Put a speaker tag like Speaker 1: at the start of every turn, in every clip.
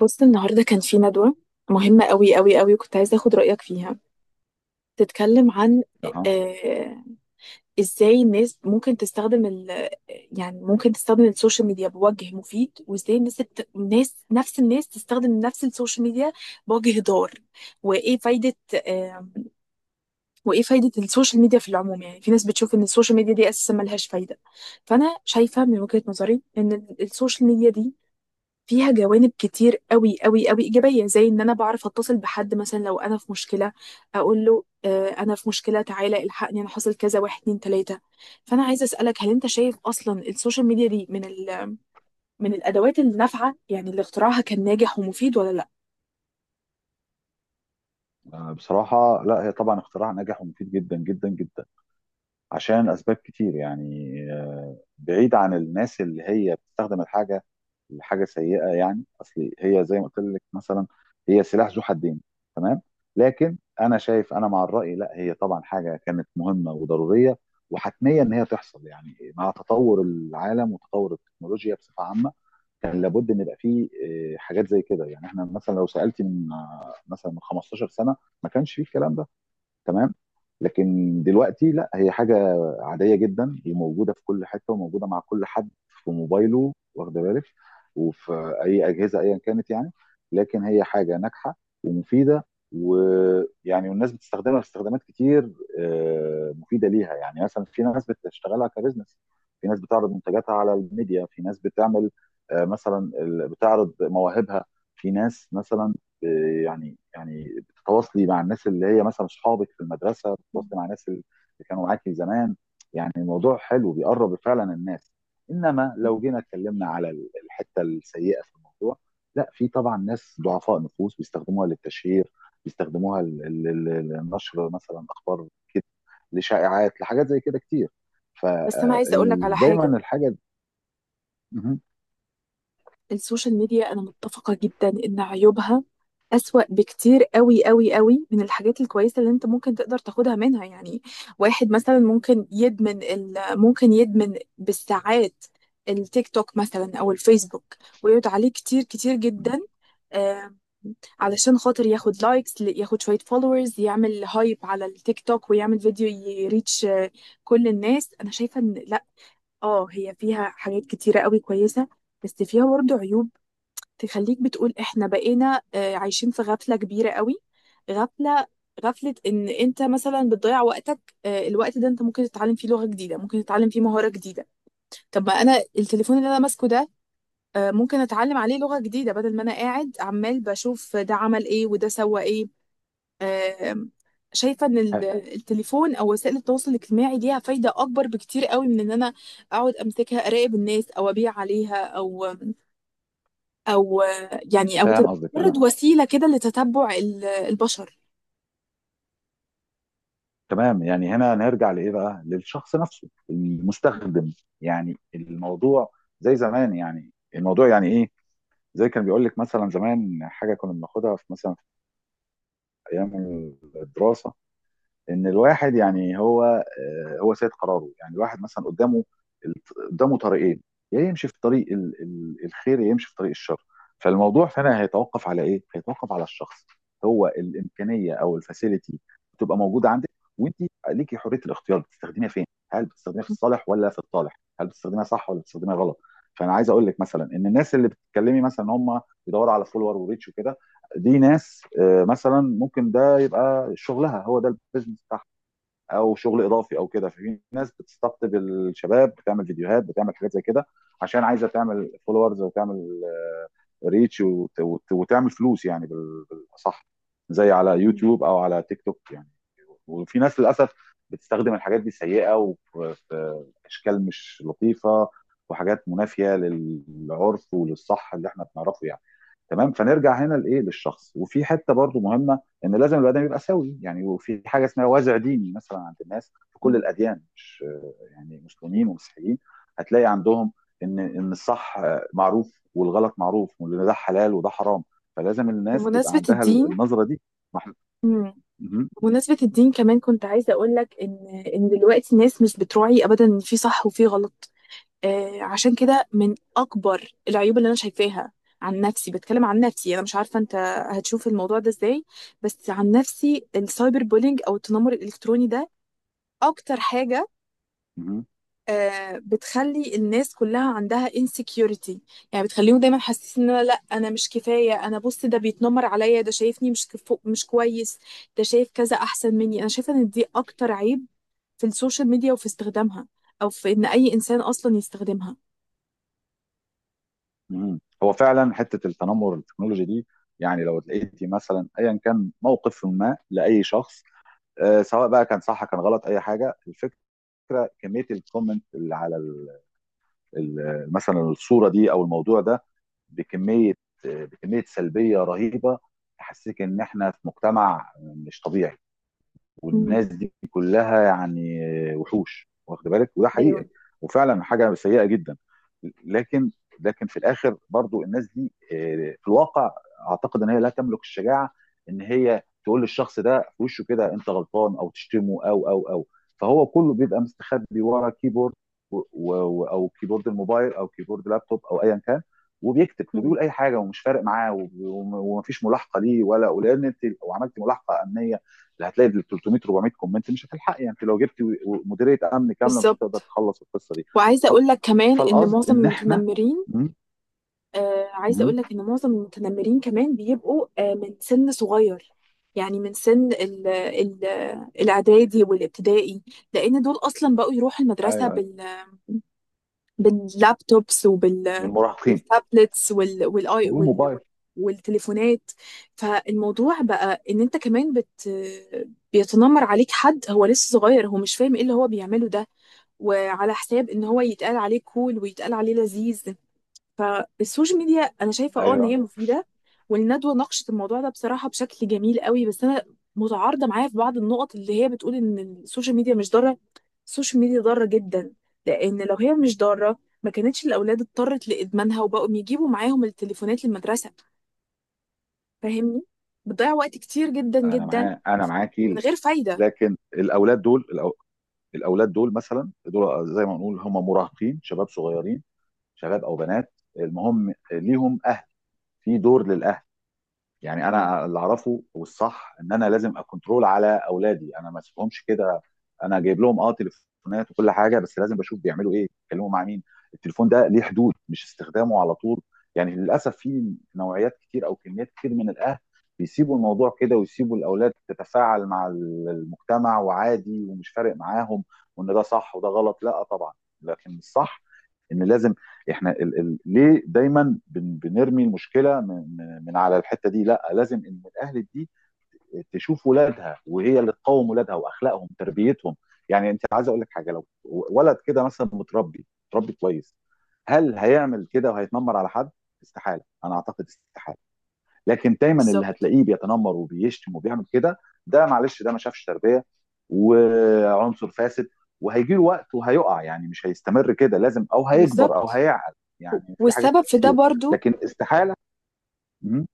Speaker 1: بص، النهارده كان في ندوة مهمة قوي قوي قوي، وكنت عايزة اخد رأيك فيها. تتكلم عن
Speaker 2: أها
Speaker 1: آه ازاي الناس ممكن تستخدم ال يعني ممكن تستخدم السوشيال ميديا بوجه مفيد، وازاي الناس الناس نفس الناس تستخدم نفس السوشيال ميديا بوجه ضار. وايه فايدة آه وايه فايدة السوشيال ميديا في العموم؟ يعني في ناس بتشوف ان السوشيال ميديا دي اساسا ملهاش فايدة. فانا شايفة من وجهة نظري ان السوشيال ميديا دي فيها جوانب كتير قوي قوي قوي ايجابيه، زي ان انا بعرف اتصل بحد مثلا لو انا في مشكله، اقول له انا في مشكله، تعالى الحقني، انا حصل كذا، واحد اتنين تلاته. فانا عايزه اسالك، هل انت شايف اصلا السوشيال ميديا دي من ال من الادوات النافعه، يعني اللي اختراعها كان ناجح ومفيد، ولا لا؟
Speaker 2: آه، بصراحة لا هي طبعا اختراع ناجح ومفيد جدا جدا جدا عشان أسباب كتير. يعني بعيد عن الناس اللي هي بتستخدم الحاجة لحاجة سيئة. يعني أصل هي زي ما قلت لك مثلا هي سلاح ذو حدين. تمام. لكن أنا شايف أنا مع الرأي. لا هي طبعا حاجة كانت مهمة وضرورية وحتمية إن هي تحصل يعني مع تطور العالم وتطور التكنولوجيا بصفة عامة. كان لابد ان يبقى فيه حاجات زي كده. يعني احنا مثلا لو سالتي من مثلا من 15 سنه ما كانش فيه الكلام ده. تمام. لكن دلوقتي لا، هي حاجه عاديه جدا وموجوده في كل حته وموجوده مع كل حد في موبايله، واخد بالك، وفي اي اجهزه ايا كانت يعني. لكن هي حاجه ناجحه ومفيده، ويعني والناس بتستخدمها في استخدامات كتير مفيده ليها. يعني مثلا في ناس بتشتغلها كبزنس، في ناس بتعرض منتجاتها على الميديا، في ناس بتعمل مثلا بتعرض مواهبها، في ناس مثلا يعني بتتواصلي مع الناس اللي هي مثلا اصحابك في المدرسه، بتتواصلي مع الناس اللي كانوا معاكي زمان. يعني الموضوع حلو، بيقرب فعلا الناس. انما لو جينا اتكلمنا على الحته السيئه في الموضوع، لا في طبعا ناس ضعفاء نفوس بيستخدموها للتشهير، بيستخدموها لنشر مثلا اخبار كده، لشائعات، لحاجات زي كده كتير.
Speaker 1: بس انا عايزه اقول لك على
Speaker 2: فدايما
Speaker 1: حاجه.
Speaker 2: الحاجه مهم.
Speaker 1: السوشيال ميديا، انا متفقة جدا ان عيوبها اسوأ بكتير قوي قوي قوي من الحاجات الكويسة اللي انت ممكن تقدر تاخدها منها. يعني واحد مثلا ممكن يدمن بالساعات التيك توك مثلا او الفيسبوك، ويقعد عليه كتير كتير جدا، آه، علشان خاطر ياخد لايكس، ياخد شوية فولورز، يعمل هايب على التيك توك، ويعمل فيديو يريتش كل الناس. انا شايفة ان لا، اه هي فيها حاجات كتيرة قوي كويسة، بس فيها برضه عيوب تخليك بتقول احنا بقينا عايشين في غفلة كبيرة قوي. غفلة، غفلة ان انت مثلا بتضيع وقتك، الوقت ده انت ممكن تتعلم فيه لغة جديدة، ممكن تتعلم فيه مهارة جديدة. طب ما انا التليفون اللي انا ماسكه ده، ممكن اتعلم عليه لغة جديدة بدل ما انا قاعد عمال بشوف ده عمل ايه وده سوى ايه. آه، شايفة ان التليفون او وسائل التواصل الاجتماعي ليها فايدة اكبر بكتير قوي من ان انا اقعد امسكها اراقب الناس، او ابيع عليها، او او يعني او
Speaker 2: فاهم
Speaker 1: تبقى
Speaker 2: قصدك
Speaker 1: مجرد
Speaker 2: انا.
Speaker 1: وسيله كده لتتبع البشر.
Speaker 2: تمام. يعني هنا نرجع لايه بقى؟ للشخص نفسه المستخدم. يعني الموضوع زي زمان، يعني الموضوع يعني ايه، زي كان بيقول لك مثلا زمان حاجه كنا بناخدها في مثلا في ايام الدراسه، ان الواحد يعني هو سيد قراره. يعني الواحد مثلا قدامه طريقين، يا يمشي في طريق الخير، يا يمشي في طريق الشر. فالموضوع فعلا هيتوقف على ايه؟ هيتوقف على الشخص. هو الامكانيه او الفاسيلتي بتبقى موجوده عندك، وانت ليكي حريه الاختيار بتستخدميها فين. هل بتستخدميها في الصالح ولا في الطالح؟ هل بتستخدميها صح ولا بتستخدميها غلط؟ فانا عايز اقول لك مثلا ان الناس اللي بتتكلمي مثلا ان هم بيدوروا على فولور وريتش وكده، دي ناس مثلا ممكن ده يبقى شغلها، هو ده البيزنس بتاعها او شغل اضافي او كده. ففي ناس بتستقطب الشباب، بتعمل فيديوهات، بتعمل حاجات زي كده عشان عايزه تعمل فولورز وتعمل ريتش وتعمل فلوس يعني بالاصح، زي على
Speaker 1: مم.
Speaker 2: يوتيوب او على تيك توك يعني. وفي ناس للاسف بتستخدم الحاجات دي سيئه، وفي اشكال مش لطيفه وحاجات منافيه للعرف وللصح اللي احنا بنعرفه يعني. تمام. فنرجع هنا لايه؟ للشخص. وفي حته برضو مهمه ان لازم البني ادم يبقى سوي يعني. وفي حاجه اسمها وازع ديني مثلا عند الناس في كل
Speaker 1: مم.
Speaker 2: الاديان، مش يعني مسلمين ومسيحيين، هتلاقي عندهم ان الصح معروف والغلط معروف وان ده حلال وده حرام. فلازم الناس تبقى
Speaker 1: بمناسبه
Speaker 2: عندها
Speaker 1: الدين.
Speaker 2: النظره دي. ما إحنا-
Speaker 1: مم.
Speaker 2: مهم.
Speaker 1: بمناسبه الدين كمان كنت عايزه اقول لك ان دلوقتي الناس مش بتراعي ابدا ان في صح وفي غلط. عشان كده، من اكبر العيوب اللي انا شايفاها، عن نفسي بتكلم، عن نفسي، انا مش عارفه انت هتشوف الموضوع ده ازاي، بس عن نفسي السايبر بولينج او التنمر الالكتروني ده اكتر حاجه
Speaker 2: مهم.
Speaker 1: بتخلي الناس كلها عندها insecurity. يعني بتخليهم دايما حاسين ان انا، لا، انا مش كفايه، انا بص ده بيتنمر عليا، ده شايفني مش كفو مش كويس، ده شايف كذا احسن مني. انا شايفه ان دي اكتر عيب في السوشيال ميديا وفي استخدامها، او في ان اي انسان اصلا يستخدمها.
Speaker 2: مهم. هو فعلا حته التنمر التكنولوجي دي، يعني لو لقيتي مثلا ايا كان موقف ما لاي شخص، سواء بقى كان صح كان غلط اي حاجه، الفكره فكره كميه الكومنت اللي على ال مثلا الصوره دي او الموضوع ده، بكميه بكميه سلبيه رهيبه. تحسسك ان احنا في مجتمع مش طبيعي،
Speaker 1: مم.
Speaker 2: والناس دي كلها يعني وحوش، واخد بالك، وده
Speaker 1: ايوه.
Speaker 2: حقيقه، وفعلا حاجه سيئه جدا. لكن، في الاخر برضو الناس دي في الواقع اعتقد ان هي لا تملك الشجاعه ان هي تقول للشخص ده في وشه كده، انت غلطان، او تشتمه او او او فهو كله بيبقى مستخبي ورا كيبورد، و و او كيبورد الموبايل، او كيبورد لابتوب، او ايا كان، وبيكتب
Speaker 1: مم.
Speaker 2: وبيقول اي حاجه، ومش فارق معاه، ومفيش ملاحقه ليه ولان انت لو عملت ملاحقه امنيه اللي هتلاقي 300 400 كومنت مش هتلحقي. يعني انت لو جبتي مديريه امن كامله، مش هتقدر
Speaker 1: بالظبط.
Speaker 2: تخلص القصه دي.
Speaker 1: وعايزه
Speaker 2: فال-
Speaker 1: اقول لك كمان ان
Speaker 2: فالقصد
Speaker 1: معظم
Speaker 2: ان احنا
Speaker 1: المتنمرين
Speaker 2: م-
Speaker 1: آه عايزه
Speaker 2: م-
Speaker 1: اقول لك ان معظم المتنمرين كمان بيبقوا من سن صغير، يعني من سن ال الاعدادي والابتدائي، لان دول اصلا بقوا يروحوا المدرسه
Speaker 2: ايوه،
Speaker 1: باللابتوبس
Speaker 2: المراهقين
Speaker 1: بالتابلتس وال والاي وال
Speaker 2: والموبايل،
Speaker 1: والتليفونات. فالموضوع بقى ان انت كمان بيتنمر عليك حد هو لسه صغير، هو مش فاهم ايه اللي هو بيعمله ده، وعلى حساب ان هو يتقال عليه كول ويتقال عليه لذيذ. فالسوشيال ميديا انا شايفه اه ان هي
Speaker 2: ايوه،
Speaker 1: مفيده، والندوه ناقشت الموضوع ده بصراحه بشكل جميل قوي، بس انا متعارضه معايا في بعض النقط اللي هي بتقول ان السوشيال ميديا مش ضاره. السوشيال ميديا ضاره جدا، لان لو هي مش ضاره ما كانتش الاولاد اضطرت لادمانها وبقوا يجيبوا معاهم التليفونات للمدرسه، فاهمني؟ بتضيع وقت كتير جدا جدا
Speaker 2: انا
Speaker 1: من
Speaker 2: معاكي.
Speaker 1: غير فايده.
Speaker 2: لكن الاولاد دول الاولاد دول مثلا، دول زي ما نقول هم مراهقين، شباب صغيرين، شباب او بنات. المهم ليهم اهل، في دور للاهل. يعني
Speaker 1: مم.
Speaker 2: انا اللي اعرفه والصح ان انا لازم اكونترول على اولادي، انا ما اسيبهمش كده. انا جايب لهم تليفونات وكل حاجه، بس لازم بشوف بيعملوا ايه، بيتكلموا مع مين. التليفون ده ليه حدود، مش استخدامه على طول. يعني للاسف في نوعيات كتير او كميات كتير من الاهل بيسيبوا الموضوع كده، ويسيبوا الاولاد تتفاعل مع المجتمع وعادي، ومش فارق معاهم وان ده صح وده غلط. لا طبعا، لكن الصح ان لازم احنا ال ليه دايما بنرمي المشكله من على الحته دي؟ لا، لازم ان الاهل دي تشوف ولادها، وهي اللي تقوم ولادها واخلاقهم تربيتهم. يعني انت عايز اقول لك حاجه، لو ولد كده مثلا متربي متربي كويس، هل هيعمل كده وهيتنمر على حد؟ استحاله. انا اعتقد استحاله. لكن دايما اللي
Speaker 1: بالظبط.
Speaker 2: هتلاقيه بيتنمر وبيشتم وبيعمل كده، ده معلش ده ما شافش تربيه، وعنصر فاسد. وهيجي له وقت وهيقع، يعني مش هيستمر كده، لازم او هيكبر او
Speaker 1: بالظبط.
Speaker 2: هيعقل.
Speaker 1: و-
Speaker 2: يعني في حاجات
Speaker 1: والسبب في ده
Speaker 2: كتير،
Speaker 1: برضو
Speaker 2: لكن استحاله. مم.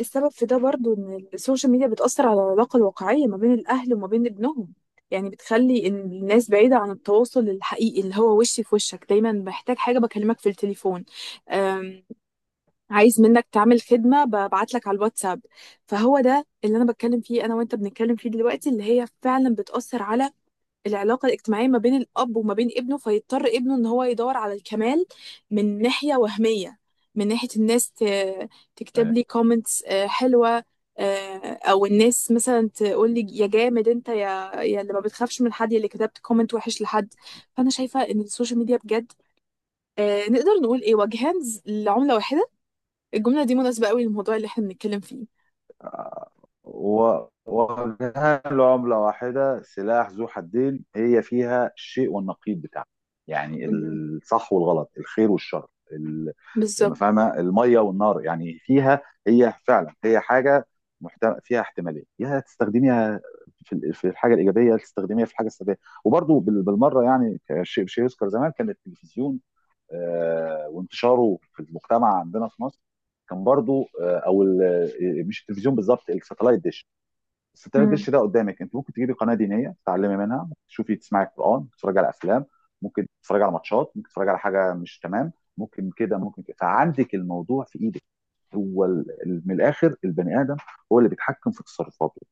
Speaker 1: السبب في ده برضو ان السوشيال ميديا بتأثر على العلاقة الواقعية ما بين الأهل وما بين ابنهم. يعني بتخلي إن الناس بعيدة عن التواصل الحقيقي، اللي هو وشي في وشك دايما، محتاج حاجة بكلمك في التليفون، أم، عايز منك تعمل خدمة ببعت لك على الواتساب. فهو ده اللي أنا بتكلم فيه، أنا وأنت بنتكلم فيه دلوقتي، اللي هي فعلا بتأثر على العلاقة الاجتماعية ما بين الأب وما بين ابنه، فيضطر ابنه إن هو يدور على الكمال من ناحية وهمية، من ناحية الناس تكتب لي كومنتس حلوة. أو الناس مثلا تقول لي يا جامد أنت، يا اللي ما بتخافش من حد، يا اللي كتبت كومنت وحش لحد. فأنا شايفة إن السوشيال ميديا بجد نقدر نقول إيه، وجهان لعملة واحدة. الجملة دي مناسبة قوي للموضوع اللي إحنا بنتكلم فيه.
Speaker 2: و- ووجهان لعملة واحدة، سلاح ذو حدين، هي فيها الشيء والنقيض بتاعها. يعني
Speaker 1: مهم.
Speaker 2: الصح والغلط، الخير والشر،
Speaker 1: بالظبط.
Speaker 2: فاهمة، المية والنار يعني فيها. هي فعلا هي حاجة فيها احتمالية، يا تستخدميها في في الحاجة الإيجابية يا تستخدميها في الحاجة السلبية. وبرضو بالمرة، يعني شيء يذكر، زمان كان التلفزيون وانتشاره في المجتمع عندنا في مصر كان برضو او مش التلفزيون بالظبط، الساتلايت ديش، بس التلات
Speaker 1: مهم.
Speaker 2: دش ده قدامك، انت ممكن تجيبي قناه دينيه تتعلمي منها، ممكن تشوفي تسمعي قران، ممكن تتفرجي على افلام، ممكن تتفرجي على ماتشات، ممكن تتفرجي على حاجه مش تمام. ممكن كده ممكن كده، فعندك الموضوع في ايدك. هو من الاخر البني ادم هو اللي بيتحكم في تصرفاته.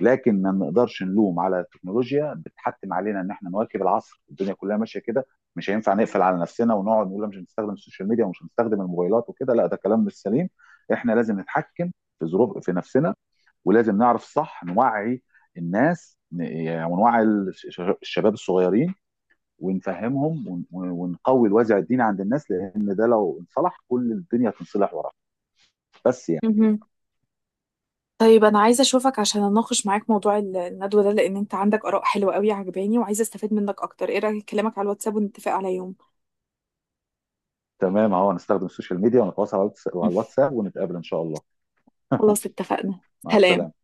Speaker 2: لكن ما نقدرش نلوم على التكنولوجيا، بتحتم علينا ان احنا نواكب العصر، الدنيا كلها ماشيه كده. مش هينفع نقفل على نفسنا ونقعد نقول مش هنستخدم السوشيال ميديا ومش هنستخدم الموبايلات وكده. لا، ده كلام مش سليم. احنا لازم نتحكم في ظروف في نفسنا، ولازم نعرف صح، نوعي الناس يعني، ونوعي الشباب الصغيرين، ونفهمهم، ونقوي الوازع الديني عند الناس، لان ده لو انصلح كل الدنيا هتنصلح وراه. بس يعني.
Speaker 1: مهم. طيب انا عايزه اشوفك عشان اناقش معاك موضوع الندوه ده، لان انت عندك اراء حلوه قوي عجباني، وعايزه استفاد منك اكتر. ايه رايك اكلمك على الواتساب ونتفق على يوم؟
Speaker 2: تمام، اهو هنستخدم السوشيال ميديا ونتواصل على على الواتساب ونتقابل ان شاء الله.
Speaker 1: خلاص اتفقنا.
Speaker 2: مع السلامه.
Speaker 1: سلام.